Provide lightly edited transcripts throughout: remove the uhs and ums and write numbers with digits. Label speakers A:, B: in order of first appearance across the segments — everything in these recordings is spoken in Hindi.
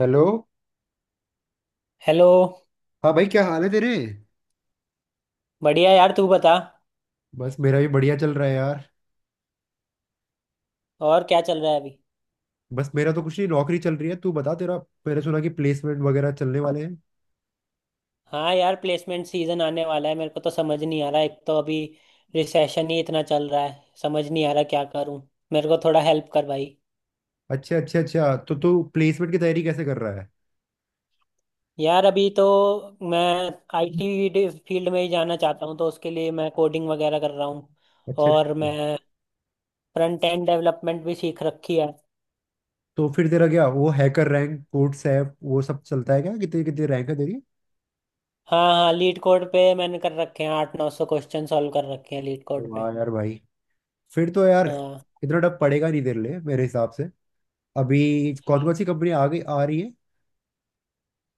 A: हेलो।
B: हेलो।
A: हाँ भाई, क्या हाल है तेरे?
B: बढ़िया यार, तू बता।
A: बस, मेरा भी बढ़िया चल रहा है यार।
B: और क्या चल रहा है अभी?
A: बस, मेरा तो कुछ नहीं, नौकरी चल रही है। तू बता तेरा। मैंने सुना कि प्लेसमेंट वगैरह चलने वाले हैं।
B: हाँ यार, प्लेसमेंट सीजन आने वाला है। मेरे को तो समझ नहीं आ रहा। एक तो अभी रिसेशन ही इतना चल रहा है, समझ नहीं आ रहा क्या करूँ। मेरे को थोड़ा हेल्प कर भाई।
A: अच्छा अच्छा अच्छा, तो तू प्लेसमेंट की तैयारी कैसे कर रहा है?
B: यार अभी तो मैं आईटी फील्ड में ही जाना चाहता हूँ, तो उसके लिए मैं कोडिंग वगैरह कर रहा हूँ।
A: अच्छा अच्छा।
B: और मैं फ्रंट एंड डेवलपमेंट भी सीख रखी है।
A: तो फिर तेरा क्या वो हैकर रैंक, कोड सैप वो सब चलता है क्या? कितनी कितनी रैंक है तेरी?
B: हाँ हाँ, लीड कोड पे मैंने कर रखे हैं, 800-900 क्वेश्चन सॉल्व कर रखे हैं लीड कोड पे।
A: वाह यार भाई! फिर तो यार
B: हाँ
A: इतना डर पड़ेगा नहीं तेरे लिए मेरे हिसाब से। अभी कौन कौन सी कंपनी आ गई, आ रही है?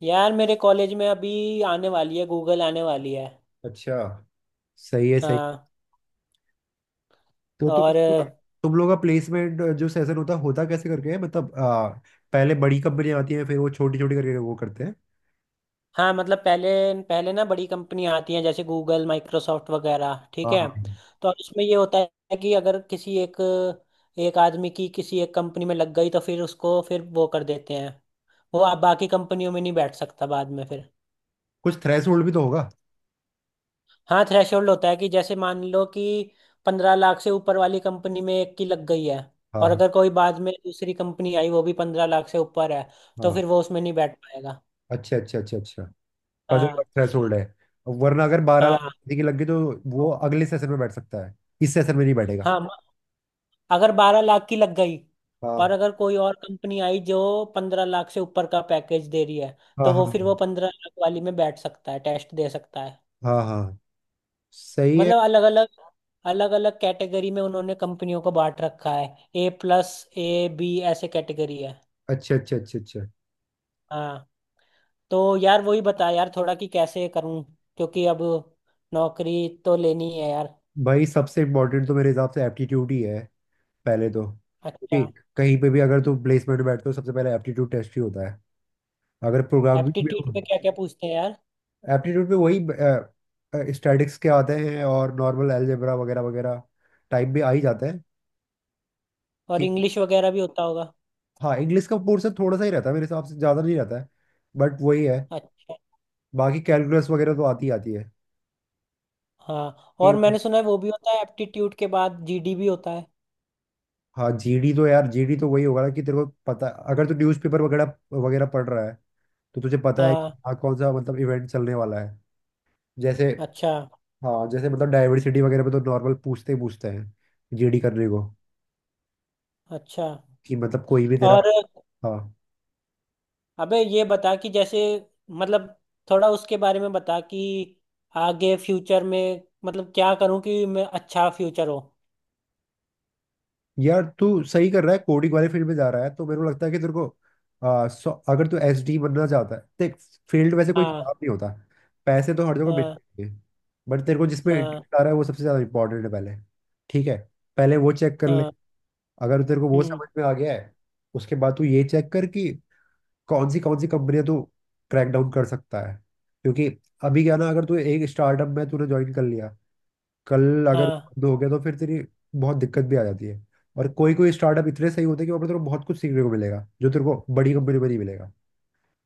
B: यार, मेरे कॉलेज में अभी आने वाली है, गूगल आने वाली है।
A: अच्छा। सही है, सही।
B: हाँ।
A: तो
B: और
A: तुम लोग का प्लेसमेंट जो सेशन होता है, होता कैसे करके है? मतलब पहले बड़ी कंपनियां आती हैं, फिर वो छोटी छोटी करके वो करते हैं।
B: हाँ, मतलब पहले पहले ना बड़ी कंपनी आती हैं, जैसे गूगल, माइक्रोसॉफ्ट वगैरह, ठीक
A: हाँ हाँ
B: है।
A: हाँ।
B: तो इसमें ये होता है कि अगर किसी एक एक आदमी की किसी एक कंपनी में लग गई, तो फिर उसको फिर वो कर देते हैं। वो आप बाकी कंपनियों में नहीं बैठ सकता बाद में फिर।
A: कुछ थ्रेशोल्ड भी तो होगा।
B: हाँ, थ्रेशोल्ड होता है कि जैसे मान लो कि 15 लाख से ऊपर वाली कंपनी में एक की लग गई है,
A: हाँ
B: और
A: हाँ
B: अगर कोई बाद में दूसरी कंपनी आई वो भी 15 लाख से ऊपर है, तो
A: हाँ।
B: फिर वो उसमें नहीं बैठ पाएगा।
A: अच्छा अच्छा अच्छा अच्छा। 15 लाख
B: हाँ
A: थ्रेशोल्ड है। वरना अगर 12 लाख
B: हाँ
A: किसी की लग गई तो वो अगले सेशन में बैठ सकता है। इस सेशन में नहीं बैठेगा।
B: हाँ। अगर 12 लाख की लग गई और
A: हाँ
B: अगर कोई और कंपनी आई जो 15 लाख से ऊपर का पैकेज दे रही है,
A: हाँ
B: तो वो
A: हाँ
B: फिर वो 15 लाख वाली में बैठ सकता है, टेस्ट दे सकता है।
A: हाँ हाँ। सही है।
B: मतलब अलग अलग, अलग अलग कैटेगरी में उन्होंने कंपनियों को बांट रखा है, ए प्लस, ए, बी ऐसे कैटेगरी है।
A: अच्छा अच्छा अच्छा अच्छा।
B: हाँ। तो यार वही बता यार थोड़ा कि कैसे करूं, क्योंकि अब नौकरी तो लेनी है यार।
A: भाई, सबसे इम्पोर्टेंट तो मेरे हिसाब से एप्टीट्यूड ही है पहले, तो क्योंकि
B: अच्छा।
A: कहीं पे भी अगर तू प्लेसमेंट बैठते हो सबसे पहले एप्टीट्यूड टेस्ट ही होता है। अगर प्रोग्रामिंग में
B: एप्टीट्यूड
A: हो,
B: पे क्या क्या पूछते हैं यार?
A: एप्टीट्यूड में वही स्टैटिक्स के आते हैं और नॉर्मल अलजेब्रा वगैरह वगैरह टाइप भी आ ही जाते हैं
B: और
A: कि।
B: इंग्लिश वगैरह भी होता होगा?
A: हाँ, इंग्लिश का पोर्शन थोड़ा सा ही रहता है मेरे हिसाब से, ज़्यादा नहीं रहता है। बट वही है।
B: अच्छा।
A: बाकी कैलकुलस वगैरह तो आती ही आती है
B: हाँ, और
A: कि।
B: मैंने सुना है वो भी होता है एप्टीट्यूड के बाद जीडी भी होता है।
A: हाँ, जीडी तो यार जीडी तो वही होगा ना कि तेरे को पता। अगर तू न्यूज़पेपर वगैरह वगैरह पढ़ रहा है तो तुझे पता है
B: हाँ।
A: कि हाँ, कौन सा मतलब इवेंट चलने वाला है। जैसे,
B: अच्छा
A: हाँ जैसे मतलब डाइवर्सिटी वगैरह में तो नॉर्मल पूछते ही पूछते हैं जीडी करने को
B: अच्छा।
A: कि मतलब कोई भी तेरा।
B: और
A: हाँ,
B: अबे ये बता कि जैसे, मतलब थोड़ा उसके बारे में बता कि आगे फ्यूचर में, मतलब क्या करूं कि मैं अच्छा फ्यूचर हो।
A: यार तू सही कर रहा है, कोडिंग वाले फील्ड में जा रहा है, तो मेरे को लगता है कि तेरे को अगर तू SD बनना चाहता है, देख, फील्ड वैसे कोई
B: हाँ।
A: खराब नहीं होता। पैसे तो हर जगह
B: हाँ।
A: मिलते हैं। बट तेरे को जिसमें
B: हाँ।
A: इंटरेस्ट आ रहा है वो सबसे ज़्यादा इंपॉर्टेंट है पहले। ठीक है? पहले वो चेक कर ले।
B: हाँ।
A: अगर तेरे को वो
B: हम्म।
A: समझ में आ गया है, उसके बाद तू ये चेक कर कि कौन सी कंपनियां तू क्रैक डाउन कर सकता है। क्योंकि अभी क्या ना, अगर तू एक स्टार्टअप में तूने ज्वाइन कर लिया, कल अगर वो
B: हाँ।
A: बंद हो गया तो फिर तेरी बहुत दिक्कत भी आ जाती है। और कोई कोई स्टार्टअप इतने सही होते हैं कि वहाँ पर तेरे को बहुत कुछ सीखने को मिलेगा जो तेरे को बड़ी कंपनी पर नहीं मिलेगा।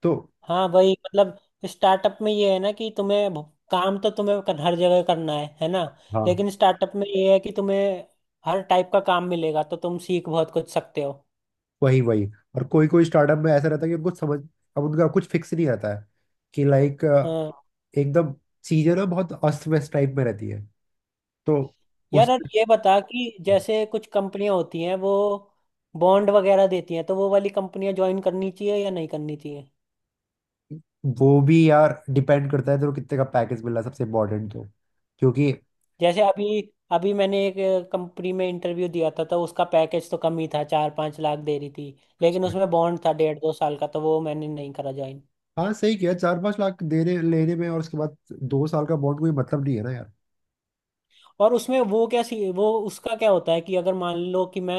A: तो
B: हाँ भाई, मतलब स्टार्टअप में ये है ना कि तुम्हें काम तो तुम्हें हर जगह करना है ना।
A: हाँ।
B: लेकिन स्टार्टअप में ये है कि तुम्हें हर टाइप का काम मिलेगा, तो तुम सीख बहुत कुछ सकते हो।
A: वही वही। और कोई कोई स्टार्टअप में ऐसा रहता है कि उनको समझ, अब उनका कुछ फिक्स नहीं रहता है कि लाइक
B: हाँ
A: एकदम चीजें ना बहुत अस्त व्यस्त टाइप में रहती है। तो उस,
B: यार, और ये बता कि जैसे कुछ कंपनियां होती हैं वो बॉन्ड वगैरह देती हैं, तो वो वाली कंपनियां ज्वाइन करनी चाहिए या नहीं करनी चाहिए?
A: वो भी यार डिपेंड करता है तेरे को कितने का पैकेज मिल रहा है सबसे इम्पोर्टेंट तो। क्योंकि
B: जैसे अभी अभी मैंने एक कंपनी में इंटरव्यू दिया था, तो उसका पैकेज तो कम ही था, 4-5 लाख दे रही थी, लेकिन उसमें बॉन्ड था 1.5-2 साल का, तो वो मैंने नहीं करा ज्वाइन।
A: हाँ, सही किया। 4-5 लाख देने लेने में और उसके बाद 2 साल का बॉन्ड, कोई मतलब नहीं है ना यार।
B: और उसमें वो क्या सी वो उसका क्या होता है कि अगर मान लो कि मैं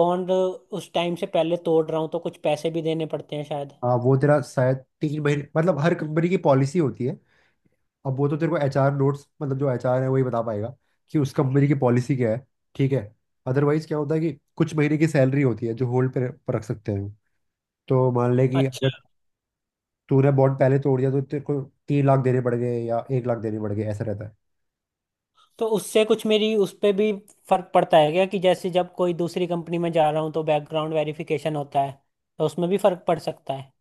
B: बॉन्ड उस टाइम से पहले तोड़ रहा हूँ, तो कुछ पैसे भी देने पड़ते हैं शायद।
A: हाँ, वो तेरा शायद 3 महीने, मतलब हर कंपनी की पॉलिसी होती है। अब वो तो तेरे को एचआर नोट्स, मतलब जो एचआर है, वही बता पाएगा कि उस कंपनी की पॉलिसी क्या है। ठीक है। अदरवाइज क्या होता है कि कुछ महीने की सैलरी होती है जो होल्ड पे पर रख सकते हैं। तो मान ले कि अगर
B: अच्छा।
A: तूने बॉन्ड पहले तोड़ दिया तो तेरे को 3 लाख देने पड़ गए या 1 लाख देने पड़ गए, ऐसा रहता है।
B: तो उससे कुछ मेरी उस पे भी फर्क पड़ता है क्या कि जैसे जब कोई दूसरी कंपनी में जा रहा हूँ, तो बैकग्राउंड वेरिफिकेशन होता है, तो उसमें भी फर्क पड़ सकता है।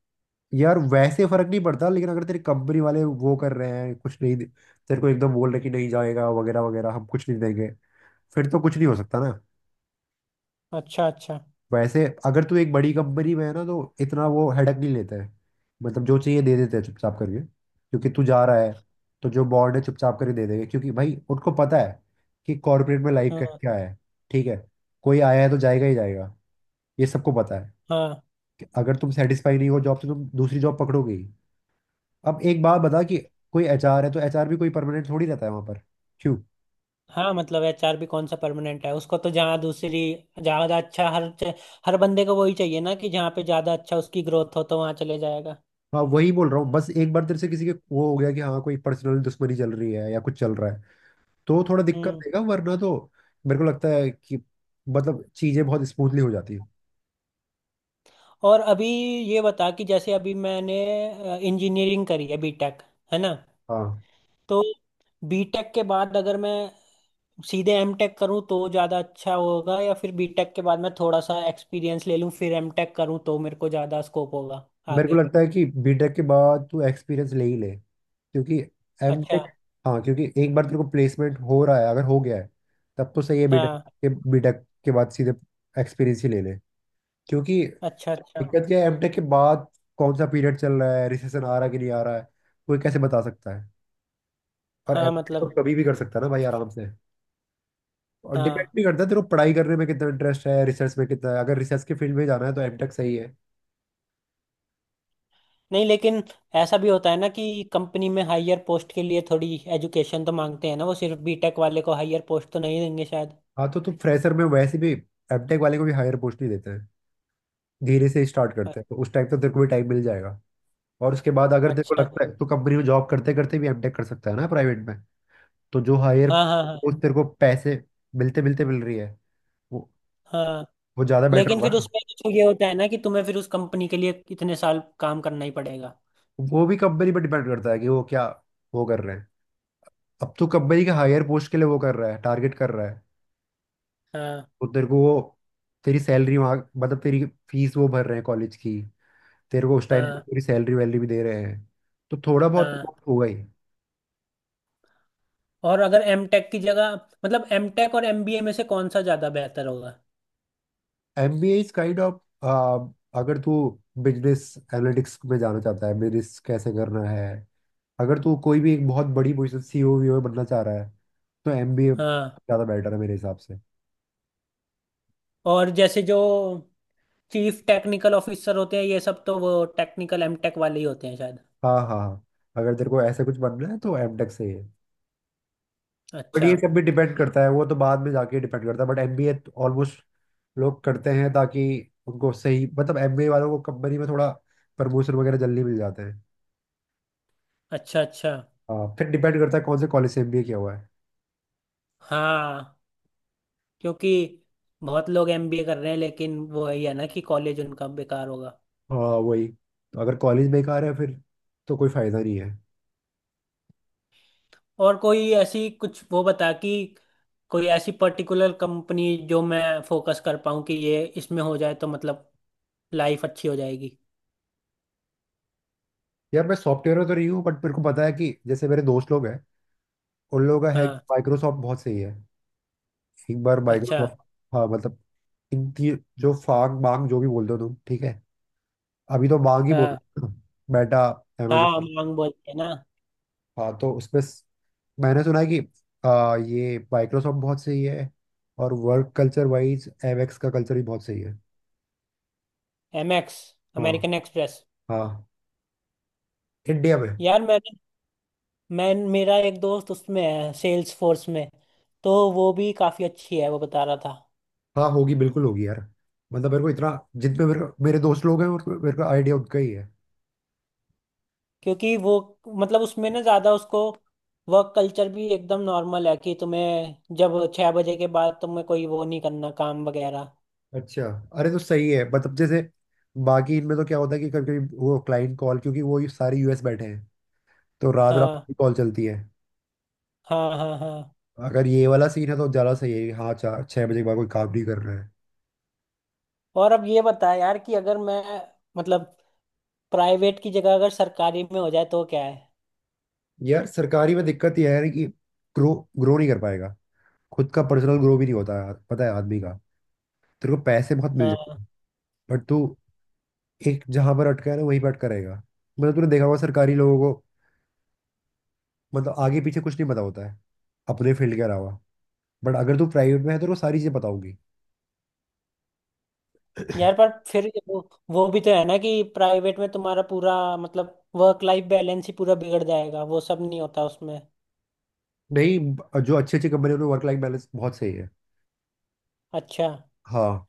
A: यार वैसे फर्क नहीं पड़ता, लेकिन अगर तेरी कंपनी वाले वो कर रहे हैं कुछ नहीं तेरे को एकदम बोल रहे कि नहीं जाएगा वगैरह वगैरह, हम कुछ नहीं देंगे, फिर तो कुछ नहीं हो सकता ना।
B: अच्छा अच्छा।
A: वैसे अगर तू एक बड़ी कंपनी में है ना तो इतना वो हेडक नहीं लेता है। मतलब जो चाहिए दे देते हैं चुपचाप करके क्योंकि तू जा रहा है, तो जो बॉर्ड है चुपचाप करके दे देंगे क्योंकि भाई उनको पता है कि कॉर्पोरेट में लाइफ का
B: हाँ
A: क्या है। ठीक है। कोई आया है तो जाएगा ही जाएगा, ये सबको पता है
B: हाँ
A: कि अगर तुम सेटिस्फाई नहीं हो जॉब से तुम दूसरी जॉब पकड़ोगे ही। अब एक बात बता कि कोई एचआर है तो एचआर भी कोई परमानेंट थोड़ी रहता है वहां पर, क्यों?
B: हाँ, मतलब एचआर भी कौन सा परमानेंट है, उसको तो जहाँ दूसरी ज़्यादा अच्छा, हर हर बंदे को वही चाहिए ना कि जहाँ पे ज़्यादा अच्छा उसकी ग्रोथ हो तो वहाँ चले जाएगा।
A: हाँ, वही बोल रहा हूँ। बस एक बार तेरे से किसी के वो हो गया कि हाँ, कोई पर्सनल दुश्मनी चल रही है या कुछ चल रहा है, तो थोड़ा दिक्कत
B: हम्म।
A: देगा, वरना तो मेरे को लगता है कि मतलब चीजें बहुत स्मूथली हो जाती है।
B: और अभी ये बता कि जैसे अभी मैंने इंजीनियरिंग करी है, बीटेक, है ना।
A: हाँ,
B: तो बीटेक के बाद अगर मैं सीधे एमटेक करूं तो ज़्यादा अच्छा होगा, या फिर बीटेक के बाद मैं थोड़ा सा एक्सपीरियंस ले लूं फिर एमटेक करूं तो मेरे को ज़्यादा स्कोप होगा
A: मेरे को
B: आगे?
A: लगता है कि बीटेक के बाद तू एक्सपीरियंस ले ही ले क्योंकि
B: अच्छा।
A: एमटेक, हाँ क्योंकि एक बार तेरे को प्लेसमेंट हो रहा है अगर हो गया है, तब तो सही है।
B: हाँ।
A: बीटेक के बाद सीधे एक्सपीरियंस ही ले ले क्योंकि
B: अच्छा अच्छा।
A: दिक्कत क्या है एमटेक के बाद कौन सा पीरियड चल रहा है, रिसेशन आ रहा है कि नहीं आ रहा है, कोई कैसे बता सकता है? और
B: हाँ
A: एमटेक तो
B: मतलब।
A: कभी भी कर सकता है ना भाई, आराम से। और डिपेंड
B: हाँ
A: भी करता है तेरे को पढ़ाई करने में कितना इंटरेस्ट है, रिसर्च में कितना है। अगर रिसर्च के फील्ड में जाना है तो एमटेक सही है।
B: नहीं, लेकिन ऐसा भी होता है ना कि कंपनी में हायर पोस्ट के लिए थोड़ी एजुकेशन तो मांगते हैं ना, वो सिर्फ बीटेक वाले को हायर पोस्ट तो नहीं देंगे शायद।
A: हाँ, तो तुम फ्रेशर में वैसे भी एमटेक वाले को भी हायर पोस्ट नहीं देते हैं। धीरे से स्टार्ट
B: अ-
A: करते हैं, तो उस टाइम तो तेरे को भी टाइम मिल जाएगा। और उसके बाद अगर तेरे को
B: अच्छा।
A: लगता है तो कंपनी में जॉब करते करते भी एमटेक कर सकता है ना प्राइवेट में। तो जो हायर
B: हाँ हाँ हाँ।
A: पोस्ट तेरे को पैसे मिलते मिलते मिल रही है वो
B: हाँ
A: वो ज़्यादा बेटर
B: लेकिन
A: होगा।
B: फिर उसमें तो ये होता है ना कि तुम्हें फिर उस कंपनी के लिए इतने साल काम करना ही पड़ेगा।
A: वो भी कंपनी पर डिपेंड करता है कि वो क्या वो कर रहे हैं। अब तो कंपनी के हायर पोस्ट के लिए वो कर रहा है, टारगेट कर रहा है,
B: हाँ
A: तो तेरे को वो तेरी सैलरी वहाँ मतलब तेरी फीस वो भर रहे हैं कॉलेज की, तेरे को उस टाइम
B: हाँ
A: तेरी सैलरी वैलरी भी दे रहे हैं, तो थोड़ा बहुत
B: हाँ।
A: तो होगा ही।
B: और अगर एम टेक की जगह, मतलब एम टेक और एम बी ए में से कौन सा ज़्यादा बेहतर होगा?
A: MBA इज काइंड ऑफ, अगर तू बिजनेस एनालिटिक्स में जाना चाहता है, बिजनेस कैसे करना है, अगर तू कोई भी एक बहुत बड़ी पोजिशन सीईओ वीओ बनना चाह रहा है, तो MBA
B: हाँ।
A: ज़्यादा बेटर है मेरे हिसाब से।
B: और जैसे जो चीफ टेक्निकल ऑफिसर होते हैं ये सब, तो वो टेक्निकल एम टेक वाले ही होते हैं शायद।
A: हाँ हाँ हाँ। अगर तेरे को ऐसा कुछ बनना है तो एमटेक सही है। बट
B: अच्छा
A: ये सब भी डिपेंड करता है, वो तो बाद में जाके डिपेंड करता है, बट एमबीए ऑलमोस्ट लोग करते हैं ताकि उनको सही मतलब एमबीए वालों को कंपनी में थोड़ा प्रमोशन वगैरह जल्दी मिल जाते हैं।
B: अच्छा। अच्छा।
A: हाँ, फिर डिपेंड करता है कौन से कॉलेज से एमबीए किया हुआ है।
B: हाँ क्योंकि बहुत लोग एम बी ए कर रहे हैं, लेकिन वो यही है ना कि कॉलेज उनका बेकार होगा।
A: हाँ वही। तो अगर कॉलेज बेकार है फिर तो कोई फायदा नहीं है।
B: और कोई ऐसी कुछ वो बता कि कोई ऐसी पर्टिकुलर कंपनी जो मैं फोकस कर पाऊँ कि ये इसमें हो जाए तो मतलब लाइफ अच्छी हो जाएगी।
A: यार मैं सॉफ्टवेयर में तो नहीं हूँ, बट मेरे को पता है कि जैसे मेरे दोस्त लोग हैं, उन लोगों का है कि
B: हाँ।
A: माइक्रोसॉफ्ट बहुत सही है। एक बार
B: अच्छा।
A: माइक्रोसॉफ्ट, हाँ मतलब इनकी जो फांग मांग जो भी बोल दो तुम, ठीक है, अभी तो मांग ही
B: हाँ,
A: बोलो बेटा।
B: हाँ
A: अमेजोन,
B: मांग बोलते हैं ना।
A: हाँ तो उसमें मैंने सुना है कि ये माइक्रोसॉफ्ट बहुत सही है और वर्क कल्चर वाइज एवेक्स का कल्चर भी बहुत सही है।
B: एमएक्स,
A: हाँ।
B: American Express.
A: हाँ इंडिया में।
B: यार मैंने, मैं मेरा एक दोस्त उसमें है सेल्स फोर्स में, तो वो भी काफ़ी अच्छी है वो बता रहा था।
A: हाँ होगी, बिल्कुल होगी यार। मतलब मेरे को इतना, जितने मेरे मेरे दोस्त लोग हैं और मेरे को आइडिया उनका ही है।
B: क्योंकि वो, मतलब उसमें ना ज़्यादा उसको वर्क कल्चर भी एकदम नॉर्मल है कि तुम्हें जब 6 बजे के बाद तुम्हें कोई वो नहीं करना काम वगैरह।
A: अच्छा, अरे तो सही है। मतलब जैसे बाकी इनमें तो क्या होता है कि कभी कभी वो क्लाइंट कॉल, क्योंकि वो ये सारे यूएस बैठे हैं, तो रात रात
B: हाँ
A: की कॉल चलती है।
B: हाँ हाँ। हाँ
A: अगर ये वाला सीन है तो ज्यादा सही है कि हाँ, 4-6 बजे के बाद कोई काम नहीं करना है।
B: और अब ये बता यार कि अगर मैं, मतलब प्राइवेट की जगह अगर सरकारी में हो जाए तो क्या है?
A: यार सरकारी में दिक्कत ये है ना कि ग्रो, ग्रो नहीं कर पाएगा, खुद का पर्सनल ग्रो भी नहीं होता यार, पता है आदमी का। तेरे को पैसे बहुत मिल जाते
B: हाँ।
A: हैं, बट तू एक जहां पर अटका है ना वहीं पर अटका रहेगा। मतलब तूने देखा होगा सरकारी लोगों को, मतलब आगे पीछे कुछ नहीं पता होता है अपने फील्ड के अलावा। बट अगर तू प्राइवेट में है तो तेरे को सारी चीजें पता होगी।
B: यार पर फिर वो भी तो है ना कि प्राइवेट में तुम्हारा पूरा मतलब वर्क लाइफ बैलेंस ही पूरा बिगड़ जाएगा, वो सब नहीं होता उसमें।
A: नहीं जो अच्छी अच्छी कंपनी में वर्क लाइफ बैलेंस बहुत सही है।
B: अच्छा।
A: हाँ।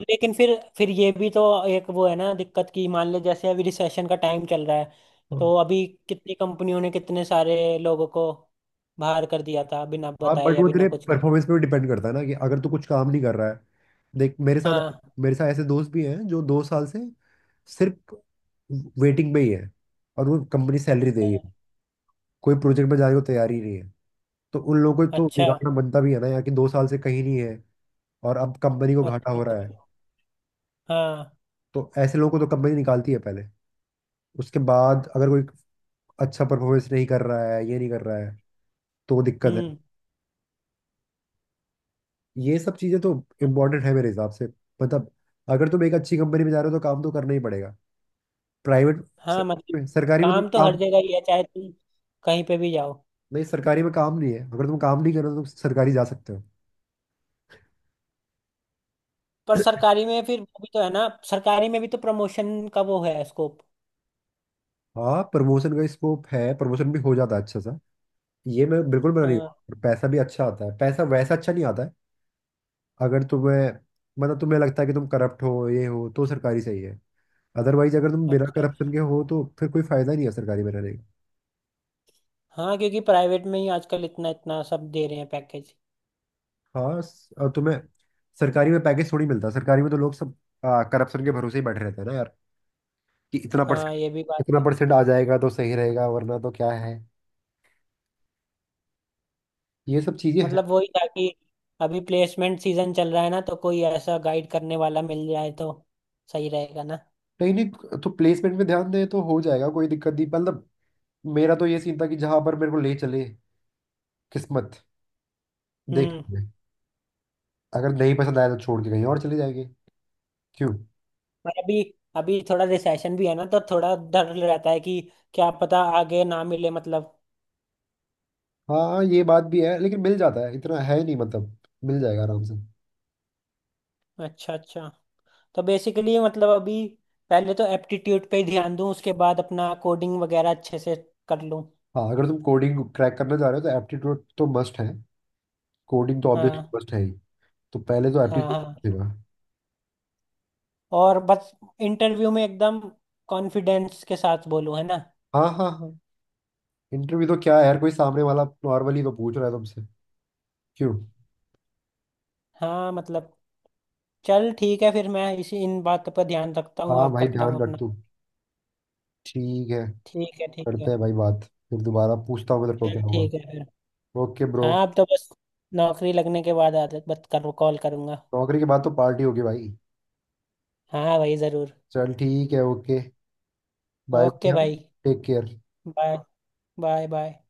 B: लेकिन फिर ये भी तो एक वो है ना दिक्कत की, मान लो जैसे अभी रिसेशन का टाइम चल रहा है, तो अभी कितनी कंपनियों ने कितने सारे लोगों को बाहर कर दिया था बिना
A: हाँ,
B: बताए
A: बट
B: या
A: वो
B: बिना
A: तेरे
B: कुछ।
A: परफॉर्मेंस पे भी डिपेंड करता है ना कि अगर तू कुछ काम नहीं कर रहा है। देख, मेरे साथ,
B: हाँ
A: मेरे साथ ऐसे दोस्त भी हैं जो 2 साल से सिर्फ वेटिंग में ही है और वो कंपनी सैलरी दे रही है।
B: हाँ।
A: कोई प्रोजेक्ट में जाने को तैयार ही नहीं है। तो उन लोगों को तो
B: अच्छा
A: बिगाड़ना बनता भी है ना यार कि 2 साल से कहीं नहीं है और अब कंपनी को घाटा
B: अच्छा
A: हो रहा
B: अच्छा।
A: है।
B: हाँ।
A: तो ऐसे लोगों को तो कंपनी निकालती है पहले। उसके बाद अगर कोई अच्छा परफॉर्मेंस नहीं कर रहा है, ये नहीं कर रहा है तो वो दिक्कत है।
B: हम्म।
A: ये सब चीजें तो इम्पोर्टेंट है मेरे हिसाब से। मतलब अगर तुम एक अच्छी कंपनी में जा रहे हो तो काम तो करना ही पड़ेगा। प्राइवेट,
B: हाँ
A: सरकारी
B: मतलब
A: में, सरकारी में तो
B: काम तो हर
A: काम
B: जगह ही है, चाहे तुम कहीं पे भी जाओ।
A: नहीं, सरकारी में काम नहीं है। अगर तुम काम नहीं कर रहे हो तो सरकारी जा सकते हो।
B: पर सरकारी में फिर वो भी तो है ना, सरकारी में भी तो प्रमोशन का वो है, स्कोप।
A: हाँ, प्रमोशन का स्कोप है, प्रमोशन भी हो जाता है अच्छा सा। ये मैं बिल्कुल मना नहीं
B: हाँ।
A: करता। और पैसा भी अच्छा आता है, पैसा वैसा अच्छा नहीं आता है। अगर तुम्हें मतलब तुम्हें लगता है कि तुम करप्ट हो ये हो तो सरकारी सही है। अदरवाइज अगर तुम बिना
B: अच्छा अच्छा।
A: करप्शन के हो तो फिर कोई फायदा ही नहीं है सरकारी में रहने।
B: हाँ क्योंकि प्राइवेट में ही आजकल इतना इतना सब दे रहे हैं पैकेज।
A: हाँ और तुम्हें सरकारी में पैकेज थोड़ी मिलता है। सरकारी में तो लोग सब करप्शन के भरोसे ही बैठे रहते हैं ना यार कि इतना
B: हाँ
A: परसेंट,
B: ये भी बात
A: इतना
B: है।
A: परसेंट आ जाएगा तो सही रहेगा, वरना तो क्या है ये सब चीजें हैं।
B: मतलब वही था कि अभी प्लेसमेंट सीजन चल रहा है ना, तो कोई ऐसा गाइड करने वाला मिल जाए तो सही रहेगा ना।
A: नहीं नहीं, तो प्लेसमेंट में ध्यान दें तो हो जाएगा, कोई दिक्कत नहीं, मतलब मेरा तो ये सीन था कि जहां पर मेरे को ले चले किस्मत, देख
B: हम्म।
A: लेंगे। अगर नहीं पसंद आया तो छोड़ के कहीं और चले जाएंगे, क्यों?
B: पर अभी, अभी थोड़ा रिसेशन भी है ना, तो थोड़ा डर रहता है कि क्या पता आगे ना मिले, मतलब।
A: हाँ ये बात भी है, लेकिन मिल जाता है, इतना है नहीं, मतलब मिल जाएगा आराम से।
B: अच्छा अच्छा। तो बेसिकली मतलब अभी पहले तो एप्टीट्यूड पे ही ध्यान दूं, उसके बाद अपना कोडिंग वगैरह अच्छे से कर लूं।
A: हाँ, अगर तुम कोडिंग क्रैक करना चाह रहे हो तो एप्टीट्यूड तो मस्ट है, कोडिंग तो ऑब्वियसली
B: हाँ
A: मस्ट है ही। तो पहले तो
B: हाँ
A: एप्टीट्यूड
B: हाँ।
A: पूछेगा।
B: और बस इंटरव्यू में एकदम कॉन्फिडेंस के साथ बोलूं, है ना।
A: हाँ हाँ हाँ। इंटरव्यू तो क्या है यार, कोई सामने वाला नॉर्मली तो पूछ रहा है तुमसे, क्यों?
B: हाँ मतलब, चल ठीक है फिर, मैं इसी इन बातों पर ध्यान रखता हूँ
A: हाँ
B: और
A: भाई,
B: करता हूँ
A: ध्यान रख
B: अपना।
A: तू, ठीक है।
B: ठीक है ठीक है।
A: करते हैं भाई बात, फिर दोबारा पूछता हूँ तेरे को
B: चल
A: क्या हुआ।
B: ठीक है फिर।
A: ओके ब्रो,
B: हाँ, अब तो बस नौकरी लगने के बाद आदत बत कर कॉल करूँगा।
A: नौकरी के बाद तो पार्टी होगी भाई।
B: हाँ भाई ज़रूर।
A: चल ठीक है, ओके, बाय बाय,
B: ओके
A: हाँ,
B: भाई।
A: Take care.
B: Bye bye. Bye.